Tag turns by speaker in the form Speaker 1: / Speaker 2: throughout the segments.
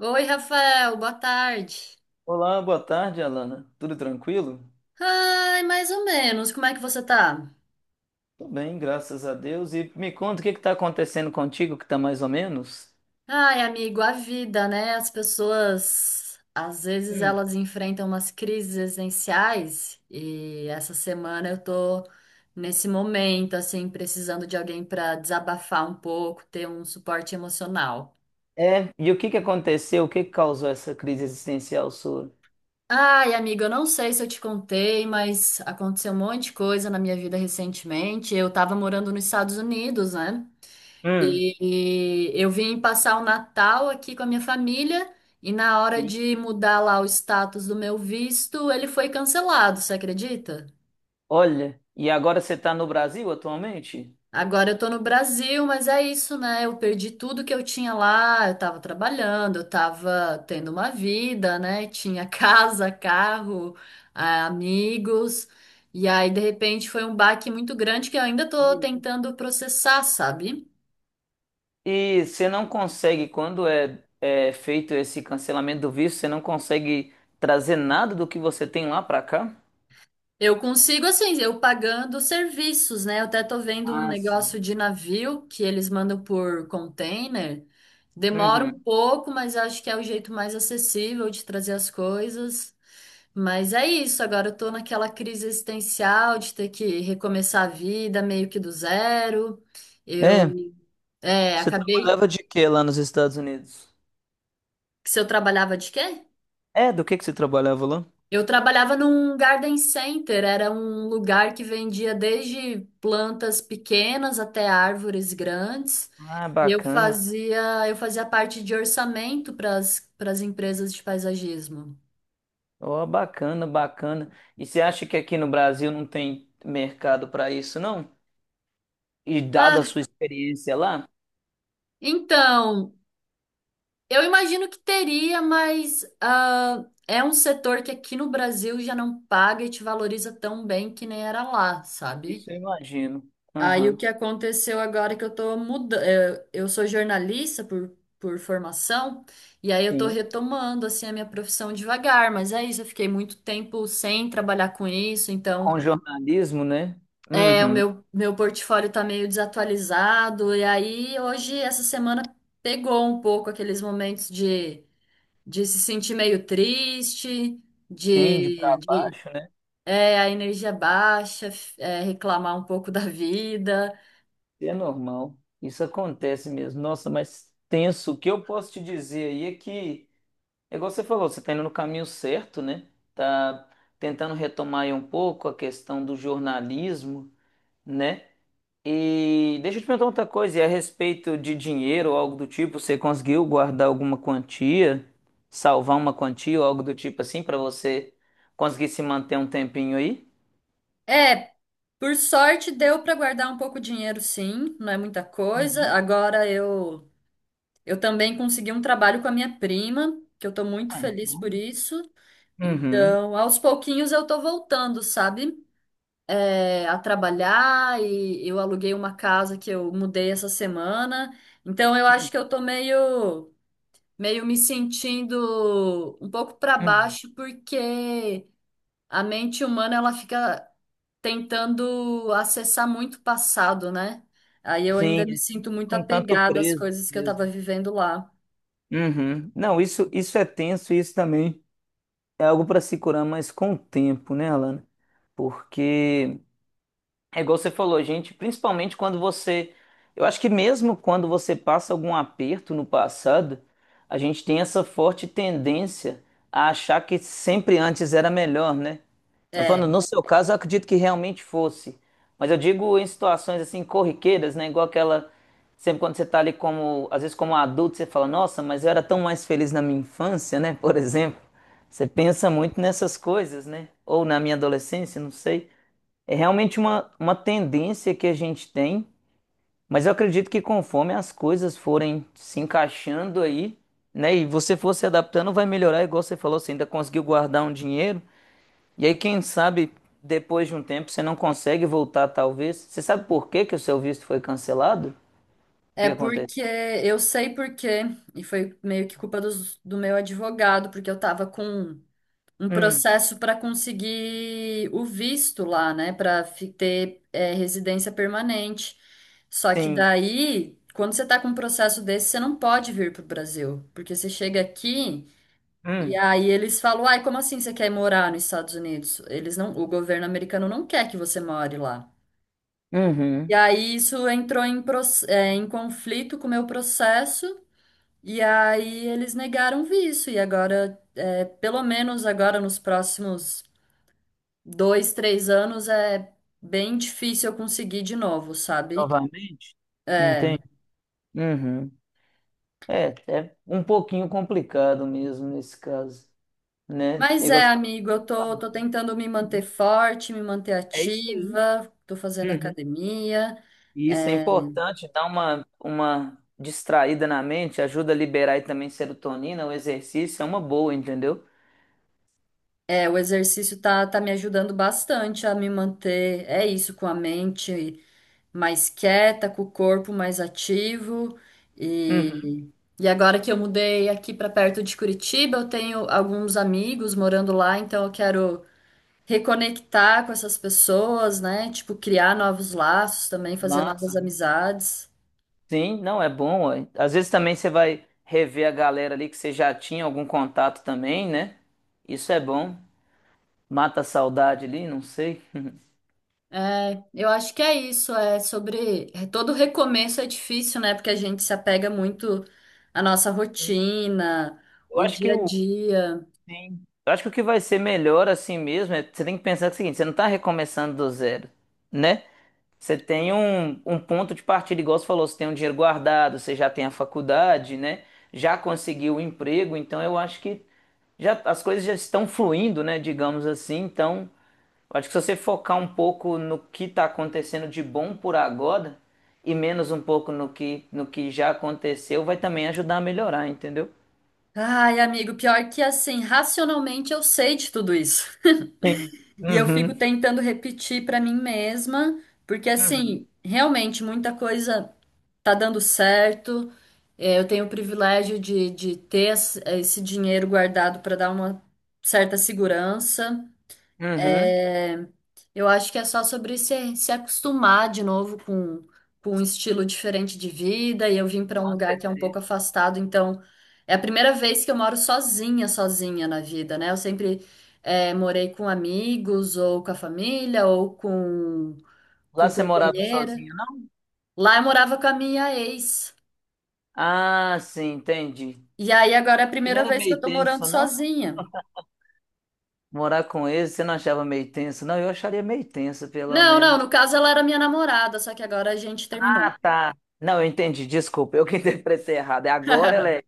Speaker 1: Oi, Rafael, boa tarde.
Speaker 2: Olá, boa tarde, Alana. Tudo tranquilo?
Speaker 1: Ai, mais ou menos. Como é que você tá?
Speaker 2: Tô bem, graças a Deus. E me conta o que está acontecendo contigo, que tá mais ou menos?
Speaker 1: Ai, amigo, a vida, né? As pessoas, às vezes
Speaker 2: Hum.
Speaker 1: elas enfrentam umas crises existenciais e essa semana eu tô nesse momento, assim, precisando de alguém pra desabafar um pouco, ter um suporte emocional.
Speaker 2: É, e o que aconteceu? O que causou essa crise existencial sua?
Speaker 1: Ai, amigo, eu não sei se eu te contei, mas aconteceu um monte de coisa na minha vida recentemente. Eu tava morando nos Estados Unidos, né?
Speaker 2: Hum.
Speaker 1: E eu vim passar o Natal aqui com a minha família e na hora
Speaker 2: Sim.
Speaker 1: de mudar lá o status do meu visto, ele foi cancelado, você acredita?
Speaker 2: Olha, e agora você está no Brasil atualmente?
Speaker 1: Agora eu tô no Brasil, mas é isso, né? Eu perdi tudo que eu tinha lá, eu tava trabalhando, eu tava tendo uma vida, né? Tinha casa, carro, ah, amigos. E aí, de repente, foi um baque muito grande que eu ainda tô
Speaker 2: Sim.
Speaker 1: tentando processar, sabe?
Speaker 2: E você não consegue, quando é feito esse cancelamento do visto, você não consegue trazer nada do que você tem lá para cá?
Speaker 1: Eu consigo, assim, eu pagando serviços, né? Eu até tô vendo um
Speaker 2: Ah,
Speaker 1: negócio
Speaker 2: sim.
Speaker 1: de navio que eles mandam por container. Demora um
Speaker 2: Uhum.
Speaker 1: pouco, mas acho que é o jeito mais acessível de trazer as coisas. Mas é isso, agora eu tô naquela crise existencial de ter que recomeçar a vida meio que do zero.
Speaker 2: É,
Speaker 1: Eu, é,
Speaker 2: você
Speaker 1: acabei.
Speaker 2: trabalhava de quê lá nos Estados Unidos?
Speaker 1: Se eu trabalhava de quê?
Speaker 2: É, do que você trabalhava lá?
Speaker 1: Eu trabalhava num garden center, era um lugar que vendia desde plantas pequenas até árvores grandes.
Speaker 2: Ah,
Speaker 1: E
Speaker 2: bacana.
Speaker 1: eu fazia parte de orçamento para as empresas de paisagismo.
Speaker 2: Ó, bacana, bacana. E você acha que aqui no Brasil não tem mercado para isso, não? E
Speaker 1: Ah,
Speaker 2: dada a sua experiência lá?
Speaker 1: então, eu imagino que teria, mas ah, é um setor que aqui no Brasil já não paga e te valoriza tão bem que nem era lá,
Speaker 2: Isso
Speaker 1: sabe?
Speaker 2: eu imagino.
Speaker 1: Aí o
Speaker 2: Aham,
Speaker 1: que aconteceu agora é que eu tô mudando, eu sou jornalista por formação, e aí eu tô
Speaker 2: sim.
Speaker 1: retomando assim a minha profissão devagar, mas é isso, eu fiquei muito tempo sem trabalhar com isso, então
Speaker 2: Com jornalismo, né?
Speaker 1: é, o
Speaker 2: Uhum.
Speaker 1: meu, meu portfólio tá meio desatualizado, e aí hoje, essa semana, pegou um pouco aqueles momentos de se sentir meio triste,
Speaker 2: Sim, de para
Speaker 1: de
Speaker 2: baixo, né?
Speaker 1: é, a energia baixa, é, reclamar um pouco da vida.
Speaker 2: É normal. Isso acontece mesmo. Nossa, mas tenso. O que eu posso te dizer aí é que é igual você falou, você está indo no caminho certo, né? Tá tentando retomar aí um pouco a questão do jornalismo, né? E deixa eu te perguntar outra coisa, e a respeito de dinheiro ou algo do tipo, você conseguiu guardar alguma quantia, salvar uma quantia ou algo do tipo assim pra você conseguir se manter um tempinho aí?
Speaker 1: É, por sorte deu para guardar um pouco de dinheiro, sim, não é muita coisa.
Speaker 2: Uhum.
Speaker 1: Agora eu também consegui um trabalho com a minha prima, que eu tô muito
Speaker 2: Ah,
Speaker 1: feliz por
Speaker 2: então.
Speaker 1: isso.
Speaker 2: Uhum.
Speaker 1: Então, aos pouquinhos eu tô voltando, sabe? É, a trabalhar e eu aluguei uma casa que eu mudei essa semana. Então, eu acho que eu tô meio meio me sentindo um pouco para
Speaker 2: Uhum.
Speaker 1: baixo porque a mente humana ela fica tentando acessar muito o passado, né? Aí eu
Speaker 2: Sim,
Speaker 1: ainda me sinto muito
Speaker 2: com tanto
Speaker 1: apegada às
Speaker 2: preso
Speaker 1: coisas que eu tava
Speaker 2: mesmo.
Speaker 1: vivendo lá.
Speaker 2: Uhum. Não, isso é tenso e isso também é algo para se curar, mas com o tempo, né, Alana? Porque é igual você falou, gente, principalmente quando você... Eu acho que mesmo quando você passa algum aperto no passado, a gente tem essa forte tendência a achar que sempre antes era melhor, né? Eu tô
Speaker 1: É,
Speaker 2: falando, no seu caso, eu acredito que realmente fosse. Mas eu digo em situações assim corriqueiras, né? Igual aquela. Sempre quando você tá ali como... Às vezes, como adulto, você fala, nossa, mas eu era tão mais feliz na minha infância, né? Por exemplo. Você pensa muito nessas coisas, né? Ou na minha adolescência, não sei. É realmente uma tendência que a gente tem, mas eu acredito que conforme as coisas forem se encaixando aí, né, e você for se adaptando, vai melhorar, igual você falou, você ainda conseguiu guardar um dinheiro, e aí quem sabe depois de um tempo você não consegue voltar, talvez. Você sabe por que que o seu visto foi cancelado? O que
Speaker 1: é
Speaker 2: que aconteceu?
Speaker 1: porque eu sei porque, e foi meio que culpa do meu advogado, porque eu tava com um
Speaker 2: Hum,
Speaker 1: processo para conseguir o visto lá, né, para ter é, residência permanente. Só que
Speaker 2: sim.
Speaker 1: daí, quando você tá com um processo desse, você não pode vir pro Brasil, porque você chega aqui. E
Speaker 2: Hum,
Speaker 1: aí eles falam, ai, como assim você quer morar nos Estados Unidos? Eles não, o governo americano não quer que você more lá. E
Speaker 2: uhum.
Speaker 1: aí isso entrou em, em conflito com o meu processo, e aí eles negaram o visto. E agora, pelo menos agora nos próximos dois, três anos, é bem difícil eu conseguir de novo, sabe?
Speaker 2: Novamente?
Speaker 1: É.
Speaker 2: Entendi. Uhum. É, é um pouquinho complicado mesmo nesse caso, né? É
Speaker 1: Mas
Speaker 2: igual
Speaker 1: é,
Speaker 2: você falou.
Speaker 1: amigo, tô tentando me manter
Speaker 2: Uhum.
Speaker 1: forte, me manter
Speaker 2: É isso aí.
Speaker 1: ativa, tô fazendo
Speaker 2: Uhum.
Speaker 1: academia.
Speaker 2: E isso é
Speaker 1: É,
Speaker 2: importante, dá uma distraída na mente, ajuda a liberar aí também serotonina, o exercício é uma boa, entendeu?
Speaker 1: É, o tá me ajudando bastante a me manter, é isso, com a mente mais quieta, com o corpo mais ativo.
Speaker 2: Uhum.
Speaker 1: E, e agora que eu mudei aqui para perto de Curitiba, eu tenho alguns amigos morando lá, então eu quero reconectar com essas pessoas, né? Tipo, criar novos laços também, fazer novas
Speaker 2: Massa.
Speaker 1: amizades.
Speaker 2: Sim, não, é bom. Ó, às vezes também você vai rever a galera ali que você já tinha algum contato também, né? Isso é bom. Mata a saudade ali, não sei.
Speaker 1: É, eu acho que é isso, é sobre é, todo recomeço é difícil, né? Porque a gente se apega muito à nossa
Speaker 2: Sim.
Speaker 1: rotina,
Speaker 2: Eu
Speaker 1: o
Speaker 2: acho que
Speaker 1: dia a
Speaker 2: o,
Speaker 1: dia.
Speaker 2: sim. Eu acho que o que vai ser melhor assim mesmo é você tem que pensar o seguinte, você não tá recomeçando do zero, né? Você tem um ponto de partida, igual você falou, você tem um dinheiro guardado, você já tem a faculdade, né? Já conseguiu o emprego, então eu acho que já as coisas já estão fluindo, né? Digamos assim. Então, eu acho que se você focar um pouco no que está acontecendo de bom por agora e menos um pouco no que, no que já aconteceu, vai também ajudar a melhorar, entendeu?
Speaker 1: Ai, amigo, pior que assim, racionalmente eu sei de tudo isso.
Speaker 2: Sim.
Speaker 1: E eu fico
Speaker 2: Uhum.
Speaker 1: tentando repetir pra mim mesma, porque
Speaker 2: Uhum.
Speaker 1: assim, realmente muita coisa tá dando certo. É, eu tenho o privilégio de ter esse dinheiro guardado pra dar uma certa segurança.
Speaker 2: Uhum.
Speaker 1: É, eu acho que é só sobre se, se acostumar de novo com um estilo diferente de vida. E eu vim para um
Speaker 2: Com
Speaker 1: lugar que é um pouco
Speaker 2: certeza.
Speaker 1: afastado, então é a primeira vez que eu moro sozinha, sozinha na vida, né? Eu sempre morei com amigos, ou com a família, ou
Speaker 2: Lá
Speaker 1: com
Speaker 2: você morava
Speaker 1: companheira.
Speaker 2: sozinho, não?
Speaker 1: Lá eu morava com a minha ex.
Speaker 2: Ah, sim, entendi.
Speaker 1: E aí agora é a
Speaker 2: Você não
Speaker 1: primeira
Speaker 2: era
Speaker 1: vez que eu
Speaker 2: meio
Speaker 1: tô morando
Speaker 2: tenso, não?
Speaker 1: sozinha.
Speaker 2: Morar com eles, você não achava meio tenso? Não, eu acharia meio tenso, pelo
Speaker 1: Não, não,
Speaker 2: menos.
Speaker 1: no caso ela era minha namorada, só que agora a gente terminou.
Speaker 2: Ah, tá. Não, eu entendi, desculpa, eu que interpretei errado. É agora ela é.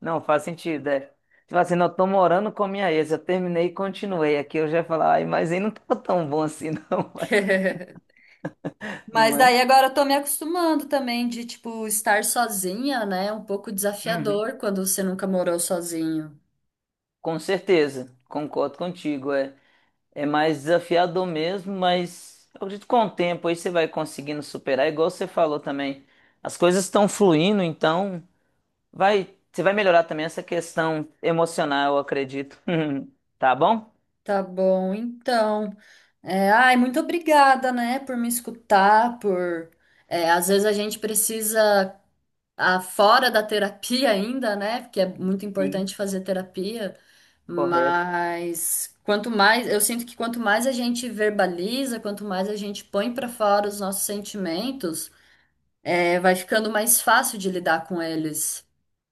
Speaker 2: Não, faz sentido, é. Tipo assim, não, eu tô morando com a minha ex, eu terminei e continuei. Aqui eu já ia falar, ai, mas aí não tava tão bom assim, não,
Speaker 1: Mas
Speaker 2: não é?
Speaker 1: daí agora eu tô me acostumando também de, tipo, estar sozinha, né? Um pouco
Speaker 2: Uhum.
Speaker 1: desafiador quando você nunca morou sozinho.
Speaker 2: Com certeza, concordo contigo, é. É mais desafiador mesmo, mas eu acredito que com o tempo aí você vai conseguindo superar, igual você falou também. As coisas estão fluindo, então vai, você vai melhorar também essa questão emocional, eu acredito. Tá bom?
Speaker 1: Tá bom, então. É, ai, muito obrigada, né, por me escutar, por... é, às vezes a gente precisa, ah, fora da terapia ainda, né? Porque é muito
Speaker 2: Sim.
Speaker 1: importante fazer terapia,
Speaker 2: Correto.
Speaker 1: mas quanto mais, eu sinto que quanto mais a gente verbaliza, quanto mais a gente põe pra fora os nossos sentimentos, é, vai ficando mais fácil de lidar com eles.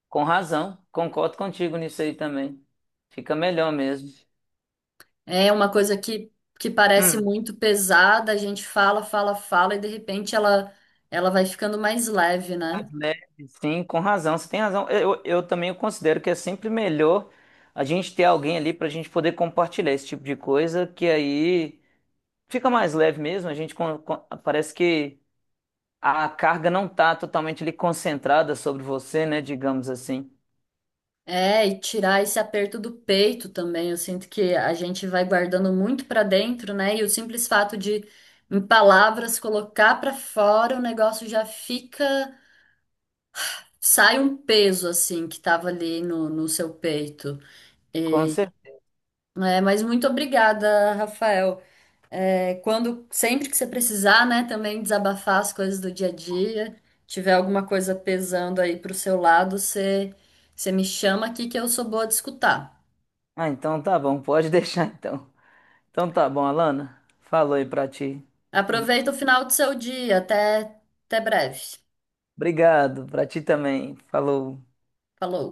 Speaker 2: Com razão. Concordo contigo nisso aí também. Fica melhor mesmo.
Speaker 1: É uma coisa que parece
Speaker 2: Hum,
Speaker 1: muito pesada, a gente fala, fala, fala, e de repente ela, ela vai ficando mais leve,
Speaker 2: mais
Speaker 1: né?
Speaker 2: leve. Sim, com razão. Você tem razão. Eu também considero que é sempre melhor a gente ter alguém ali para a gente poder compartilhar esse tipo de coisa, que aí fica mais leve mesmo. A gente parece que a carga não tá totalmente ali concentrada sobre você, né? Digamos assim.
Speaker 1: É, e tirar esse aperto do peito também. Eu sinto que a gente vai guardando muito pra dentro, né? E o simples fato de, em palavras, colocar pra fora, o negócio já fica. Sai um peso, assim, que tava ali no seu peito.
Speaker 2: Com certeza.
Speaker 1: É, mas muito obrigada, Rafael. É, quando, sempre que você precisar, né, também desabafar as coisas do dia a dia, tiver alguma coisa pesando aí pro seu lado, você, você me chama aqui que eu sou boa de escutar.
Speaker 2: Ah, então tá bom, pode deixar então. Então tá bom, Alana. Falou aí pra ti.
Speaker 1: Aproveita o final do seu dia, até, até breve.
Speaker 2: Obrigado, pra ti também. Falou.
Speaker 1: Falou.